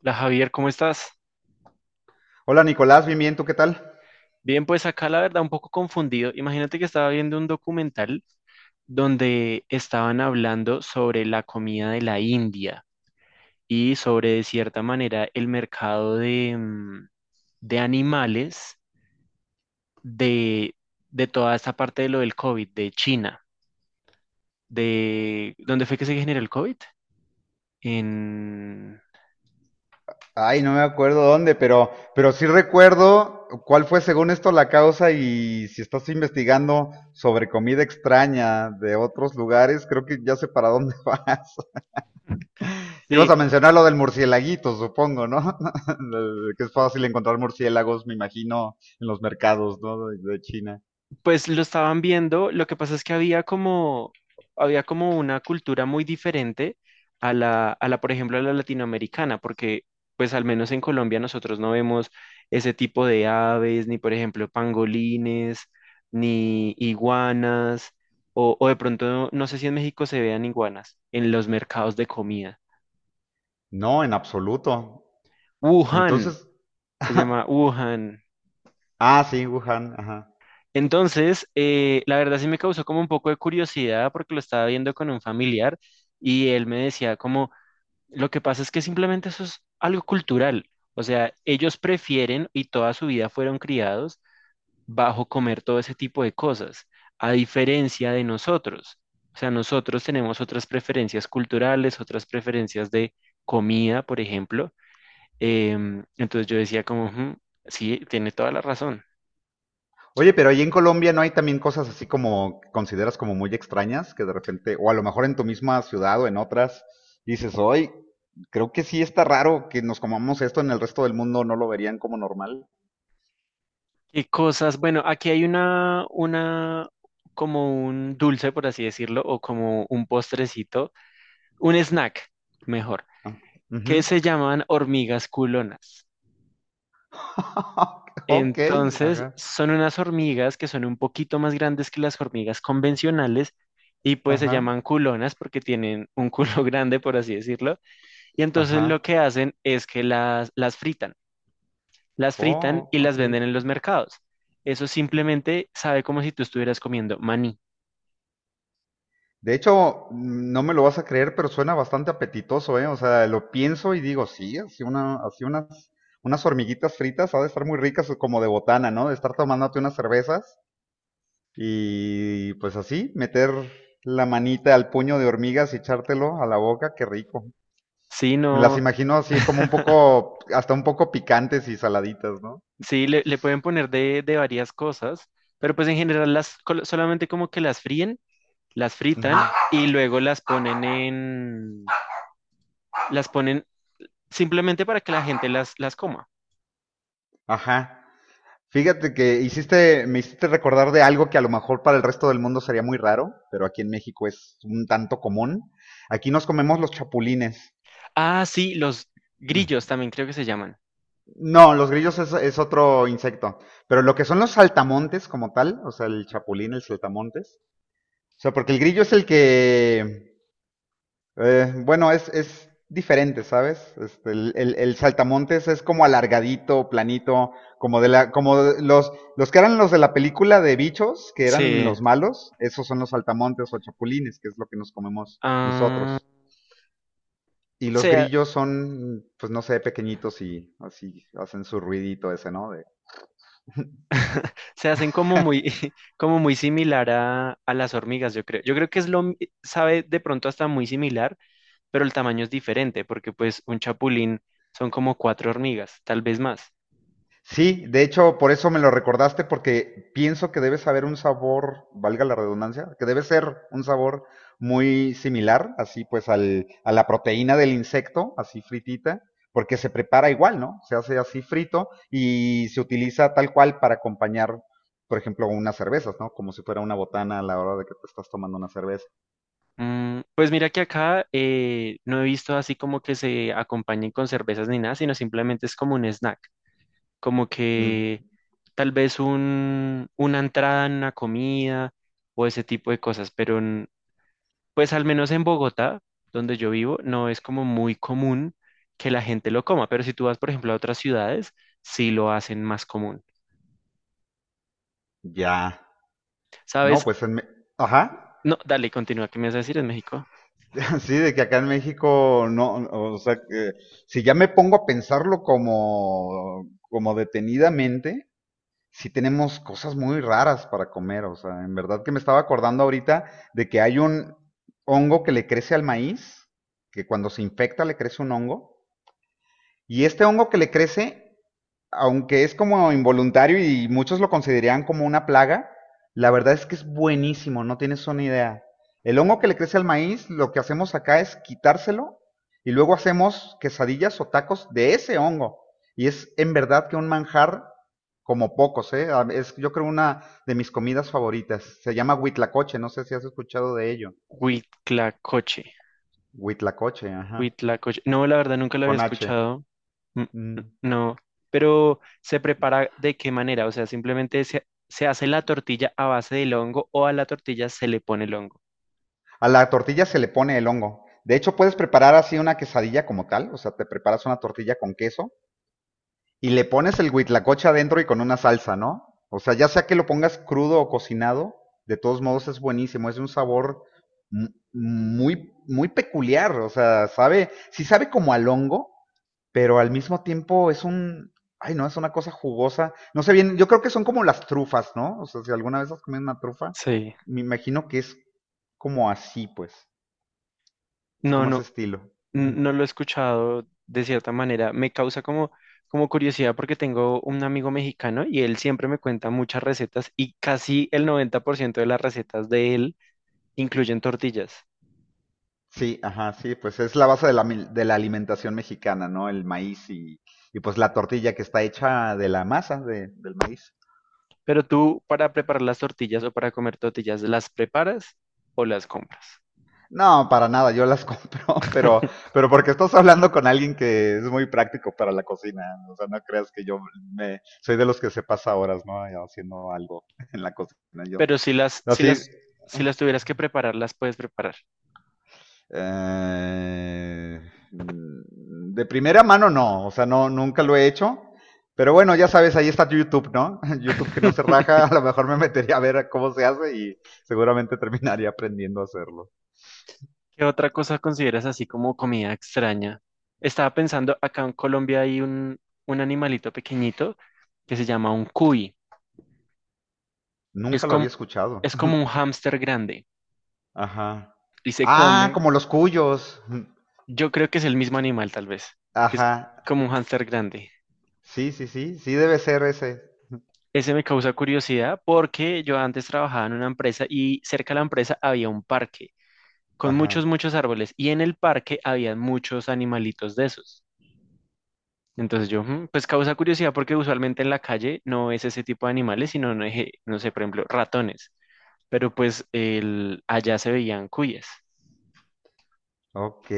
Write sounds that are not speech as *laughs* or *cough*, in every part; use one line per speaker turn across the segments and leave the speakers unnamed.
La Javier, ¿cómo estás?
Hola Nicolás, bien, bien, ¿tú qué tal?
Bien, pues acá la verdad un poco confundido. Imagínate que estaba viendo un documental donde estaban hablando sobre la comida de la India y sobre, de cierta manera, el mercado de de animales de, de toda esta parte de lo del COVID, de China, de... ¿Dónde fue que se generó el COVID? En...
Ay, no me acuerdo dónde, pero sí recuerdo cuál fue según esto la causa y si estás investigando sobre comida extraña de otros lugares, creo que ya sé para dónde *laughs* vas.
Sí.
Ibas a mencionar lo del murciélaguito, supongo, ¿no? *laughs* Que es fácil encontrar murciélagos, me imagino, en los mercados, ¿no? De China.
Pues lo estaban viendo, lo que pasa es que había como una cultura muy diferente a la, por ejemplo, a la latinoamericana, porque pues al menos en Colombia nosotros no vemos ese tipo de aves, ni por ejemplo pangolines, ni iguanas, o de pronto, no sé si en México se vean iguanas, en los mercados de comida.
No, en absoluto.
Wuhan,
Entonces,
se llama
*laughs*
Wuhan.
ah, sí, Wuhan, ajá.
Entonces, la verdad sí me causó como un poco de curiosidad porque lo estaba viendo con un familiar y él me decía como, lo que pasa es que simplemente eso es algo cultural. O sea, ellos prefieren y toda su vida fueron criados bajo comer todo ese tipo de cosas, a diferencia de nosotros. O sea, nosotros tenemos otras preferencias culturales, otras preferencias de comida, por ejemplo. Entonces yo decía como, "Ujú, sí, tiene toda la razón."
Oye, pero ahí en Colombia no hay también cosas así como que consideras como muy extrañas, que de repente, o a lo mejor en tu misma ciudad o en otras, dices, hoy creo que sí está raro que nos comamos esto en el resto del mundo, no lo verían como normal.
Qué cosas, bueno, aquí hay una como un dulce, por así decirlo, o como un postrecito, un snack, mejor,
Ah,
que
ujú.
se llaman hormigas culonas.
*laughs* Ok,
Entonces,
ajá,
son unas hormigas que son un poquito más grandes que las hormigas convencionales y pues se
ajá,
llaman culonas porque tienen un culo *laughs* grande, por así decirlo. Y entonces lo
ajá.
que hacen es que las fritan, las fritan
Oh,
y las
ok.
venden en los mercados. Eso simplemente sabe como si tú estuvieras comiendo maní.
De hecho, no me lo vas a creer, pero suena bastante apetitoso, ¿eh? O sea, lo pienso y digo, sí, así una, así unas, unas hormiguitas fritas ha de estar muy ricas como de botana, ¿no? De estar tomándote unas cervezas y pues así, meter la manita al puño de hormigas y echártelo a la boca, qué rico.
Sí,
Me las
no,
imagino así como un
*laughs*
poco, hasta un poco picantes y saladitas, ¿no?
sí, le pueden poner de varias cosas, pero pues en general solamente como que las fríen, las fritan
Ujú.
y luego las ponen simplemente para que la gente las coma.
Ajá. Fíjate que hiciste, me hiciste recordar de algo que a lo mejor para el resto del mundo sería muy raro, pero aquí en México es un tanto común. Aquí nos comemos los chapulines.
Ah, sí, los grillos también creo que se llaman.
No, los grillos es otro insecto, pero lo que son los saltamontes como tal, o sea, el chapulín, el saltamontes, o sea, porque el grillo es el que bueno, es diferente, ¿sabes? Este, el saltamontes es como alargadito, planito, como de la, como de los que eran los de la película de bichos, que eran
Sí,
los malos, esos son los saltamontes o chapulines, que es lo que nos comemos
ah,
nosotros. Y los
se, ha-
grillos son, pues no sé, pequeñitos y así hacen su ruidito ese, ¿no? De,
se hacen como muy, *laughs* como muy similar a las hormigas, yo creo. Yo creo que es sabe de pronto hasta muy similar, pero el tamaño es diferente porque pues un chapulín son como cuatro hormigas, tal vez más.
sí, de hecho, por eso me lo recordaste, porque pienso que debe saber un sabor, valga la redundancia, que debe ser un sabor muy similar, así pues, al, a la proteína del insecto, así fritita, porque se prepara igual, ¿no? Se hace así frito y se utiliza tal cual para acompañar, por ejemplo, unas cervezas, ¿no? Como si fuera una botana a la hora de que te estás tomando una cerveza.
Mm, pues mira que acá no he visto así como que se acompañen con cervezas ni nada, sino simplemente es como un snack, como
Mm,
que tal vez una entrada en una comida o ese tipo de cosas, pues al menos en Bogotá, donde yo vivo, no es como muy común que la gente lo coma, pero si tú vas, por ejemplo, a otras ciudades, sí lo hacen más común.
ya. No,
¿Sabes?
pues, en me- ajá.
No, dale, continúa. ¿Qué me vas a decir en México?
*laughs* Sí, de que acá en México no, o sea, que si ya me pongo a pensarlo como, como detenidamente, sí tenemos cosas muy raras para comer, o sea, en verdad que me estaba acordando ahorita de que hay un hongo que le crece al maíz, que cuando se infecta le crece un hongo, y este hongo que le crece aunque es como involuntario y muchos lo consideran como una plaga, la verdad es que es buenísimo, no tienes una idea. El hongo que le crece al maíz, lo que hacemos acá es quitárselo y luego hacemos quesadillas o tacos de ese hongo. Y es en verdad que un manjar como pocos, ¿eh? Ah, es, yo creo una de mis comidas favoritas. Se llama huitlacoche, no sé si has escuchado de ello.
Huitlacoche.
Huitlacoche, ajá,
Huitlacoche. No, la verdad nunca lo había
con H.
escuchado. N-
Mm.
No. Pero ¿se prepara de qué manera? O sea, simplemente se hace la tortilla a base del hongo o a la tortilla se le pone el hongo.
A la tortilla se le pone el hongo. De hecho, puedes preparar así una quesadilla como tal, o sea, te preparas una tortilla con queso y le pones el huitlacoche adentro y con una salsa, ¿no? O sea, ya sea que lo pongas crudo o cocinado, de todos modos es buenísimo, es de un sabor muy, muy peculiar, o sea, sabe, sí sabe como al hongo, pero al mismo tiempo es un, ay no, es una cosa jugosa, no sé bien, yo creo que son como las trufas, ¿no? O sea, si alguna vez has comido una trufa,
Sí.
me imagino que es como así, pues. Es
No,
como ese
no,
estilo. Ujú.
no lo he escuchado de cierta manera. Me causa como, como curiosidad porque tengo un amigo mexicano y él siempre me cuenta muchas recetas y casi el 90% de las recetas de él incluyen tortillas.
Sí, ajá, sí, pues es la base de la, mil- de la alimentación mexicana, ¿no? El maíz y pues la tortilla que está hecha de la masa de- del maíz.
Pero tú para preparar las tortillas o para comer tortillas, ¿las preparas o las compras?
No, para nada, yo las *laughs* compro, pero porque estás hablando con alguien que es muy práctico para la cocina. O sea, no creas que yo me, soy de los que se pasa horas, ¿no? Haciendo algo *laughs* en la cocina. Yo,
Pero
así,
si las tuvieras que preparar, las puedes preparar.
Eh, mm, de primera mano no, o sea, no, nunca lo he hecho. Pero bueno, ya sabes, ahí está YouTube, ¿no? *laughs* YouTube que no se raja, a lo mejor me metería a ver cómo se hace y seguramente terminaría aprendiendo a hacerlo.
¿Qué otra cosa consideras así como comida extraña? Estaba pensando, acá en Colombia hay un animalito pequeñito que se llama un cuy. Es
Nunca lo había
como,
escuchado.
es como un
*laughs*
hámster grande
Ajá.
y se
Ah,
come,
como los cuyos. *laughs*
yo creo que es el mismo animal tal vez, que es
Ajá.
como un hámster grande.
Sí, sí, sí, sí debe ser ese.
Ese me causa curiosidad porque yo antes trabajaba en una empresa y cerca de la empresa había un parque con
Ajá.
muchos, muchos árboles y en el parque había muchos animalitos de esos. Entonces yo, "Mm", pues causa curiosidad porque usualmente en la calle no es ese tipo de animales, sino, no, no sé, por ejemplo, ratones, pero pues el, allá se veían cuyes.
Ok.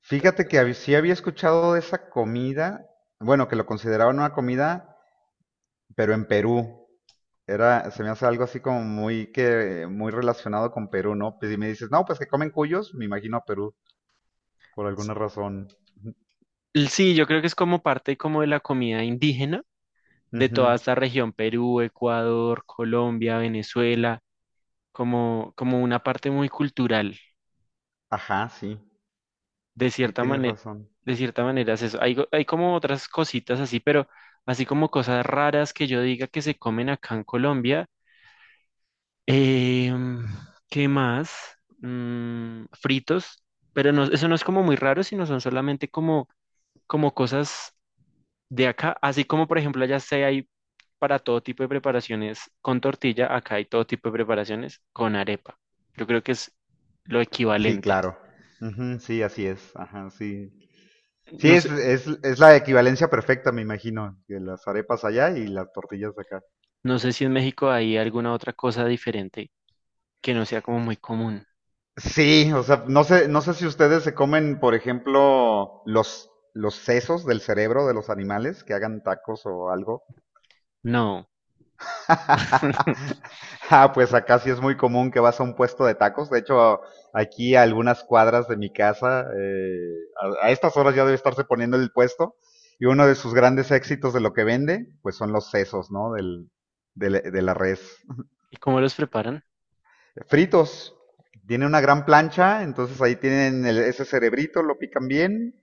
Fíjate que hab- sí había escuchado de esa comida, bueno, que lo consideraban una comida, pero en Perú. Era, se me hace algo así como muy que, muy relacionado con Perú, ¿no? Pues si me dices, no, pues que comen cuyos, me imagino a Perú, por alguna razón. Ujú,
Sí, yo creo que es como parte como de la comida indígena de toda
ujú.
esta región, Perú, Ecuador, Colombia, Venezuela, como, como una parte muy cultural.
Ajá, sí,
De
sí,
cierta
tienes
manera,
razón.
de cierta manera es eso. Hay como otras cositas así, pero así como cosas raras que yo diga que se comen acá en Colombia. Em, ¿Qué más? Mm, fritos, pero no, eso no es como muy raro, sino son solamente como, como cosas de acá, así como por ejemplo allá se hay para todo tipo de preparaciones con tortilla, acá hay todo tipo de preparaciones con arepa. Yo creo que es lo
Sí,
equivalente.
claro. Ujú, sí, así es. Ajá, sí. Sí,
No
es,
sé,
es, es la equivalencia perfecta, me imagino, que las arepas allá y las tortillas acá.
no sé si en México hay alguna otra cosa diferente que no sea como muy común.
Sí, o sea, no sé, no sé si ustedes se comen, por ejemplo, los sesos del cerebro de los animales que hagan tacos o algo.
No.
*laughs* Ah, pues acá sí es muy común que vas a un puesto de tacos. De hecho, aquí a algunas cuadras de mi casa, a estas horas ya debe estarse poniendo el puesto. Y uno de sus grandes éxitos de lo que vende, pues son los sesos, ¿no? Del, de la res.
¿Y cómo los preparan?
Fritos. Tiene una gran plancha, entonces ahí tienen el- ese cerebrito, lo pican bien.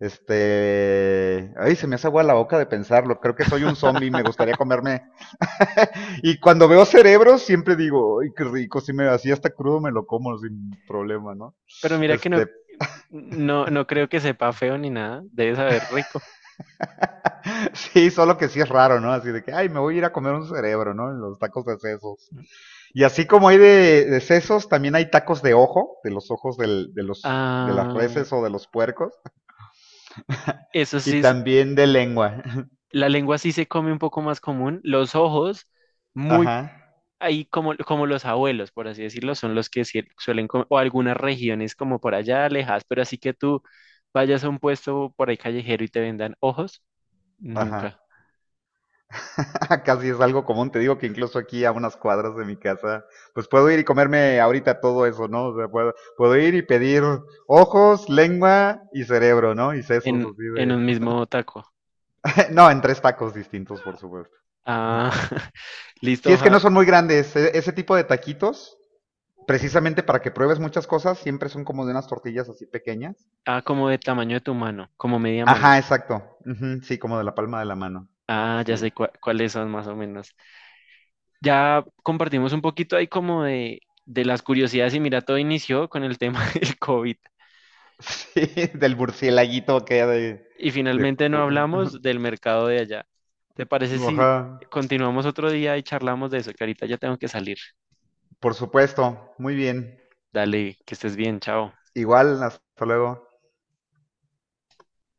Este, ay, se me hace agua la boca de pensarlo. Creo que soy un zombie, me gustaría comerme *laughs* y cuando veo cerebros siempre digo, ay, qué rico, si me así hasta crudo me lo como sin problema, ¿no?
Pero mira que no,
Este,
no, no creo que sepa feo ni nada. Debe saber rico.
*laughs* sí, solo que sí es raro, ¿no? Así de que, ay, me voy a ir a comer un cerebro, ¿no? En los tacos de sesos. Y así como hay de sesos, también hay tacos de ojo, de los ojos del, de los, de las
Ah,
reses o de los puercos,
eso sí,
y también de lengua. *laughs*
la lengua sí se come un poco más común. Los ojos,
Ajá,
muy ahí como, como los abuelos, por así decirlo, son los que sí suelen comer, o algunas regiones como por allá alejadas pero así que tú vayas a un puesto por ahí callejero y te vendan ojos,
ajá.
nunca.
*laughs* Casi es algo común, te digo que incluso aquí a unas cuadras de mi casa, pues puedo ir y comerme ahorita todo eso, ¿no? O sea, puedo, puedo ir y pedir ojos, lengua y cerebro, ¿no? Y sesos así
En
de...
un mismo taco.
*laughs* no, en tres tacos distintos, por supuesto.
Ah, *laughs*
Si
listo,
es que
ja.
no son muy grandes, e- ese tipo de taquitos, precisamente para que pruebes muchas cosas, siempre son como de unas tortillas así pequeñas.
Ah, como de tamaño de tu mano, como media mano.
Ajá, exacto. Ujú, sí, como de la palma de la mano.
Ah, ya
Sí,
sé
*laughs*
cuáles son más o menos. Ya compartimos un poquito ahí como de las curiosidades y mira, todo inició con el tema *laughs* del COVID
sí, del murcielaguito que hay
y
de...
finalmente no hablamos
*laughs*
del mercado de allá. ¿Te parece si
Ajá.
continuamos otro día y charlamos de eso? Que ahorita ya tengo que salir.
Por supuesto, muy bien.
Dale, que estés bien, chao.
Igual, hasta luego.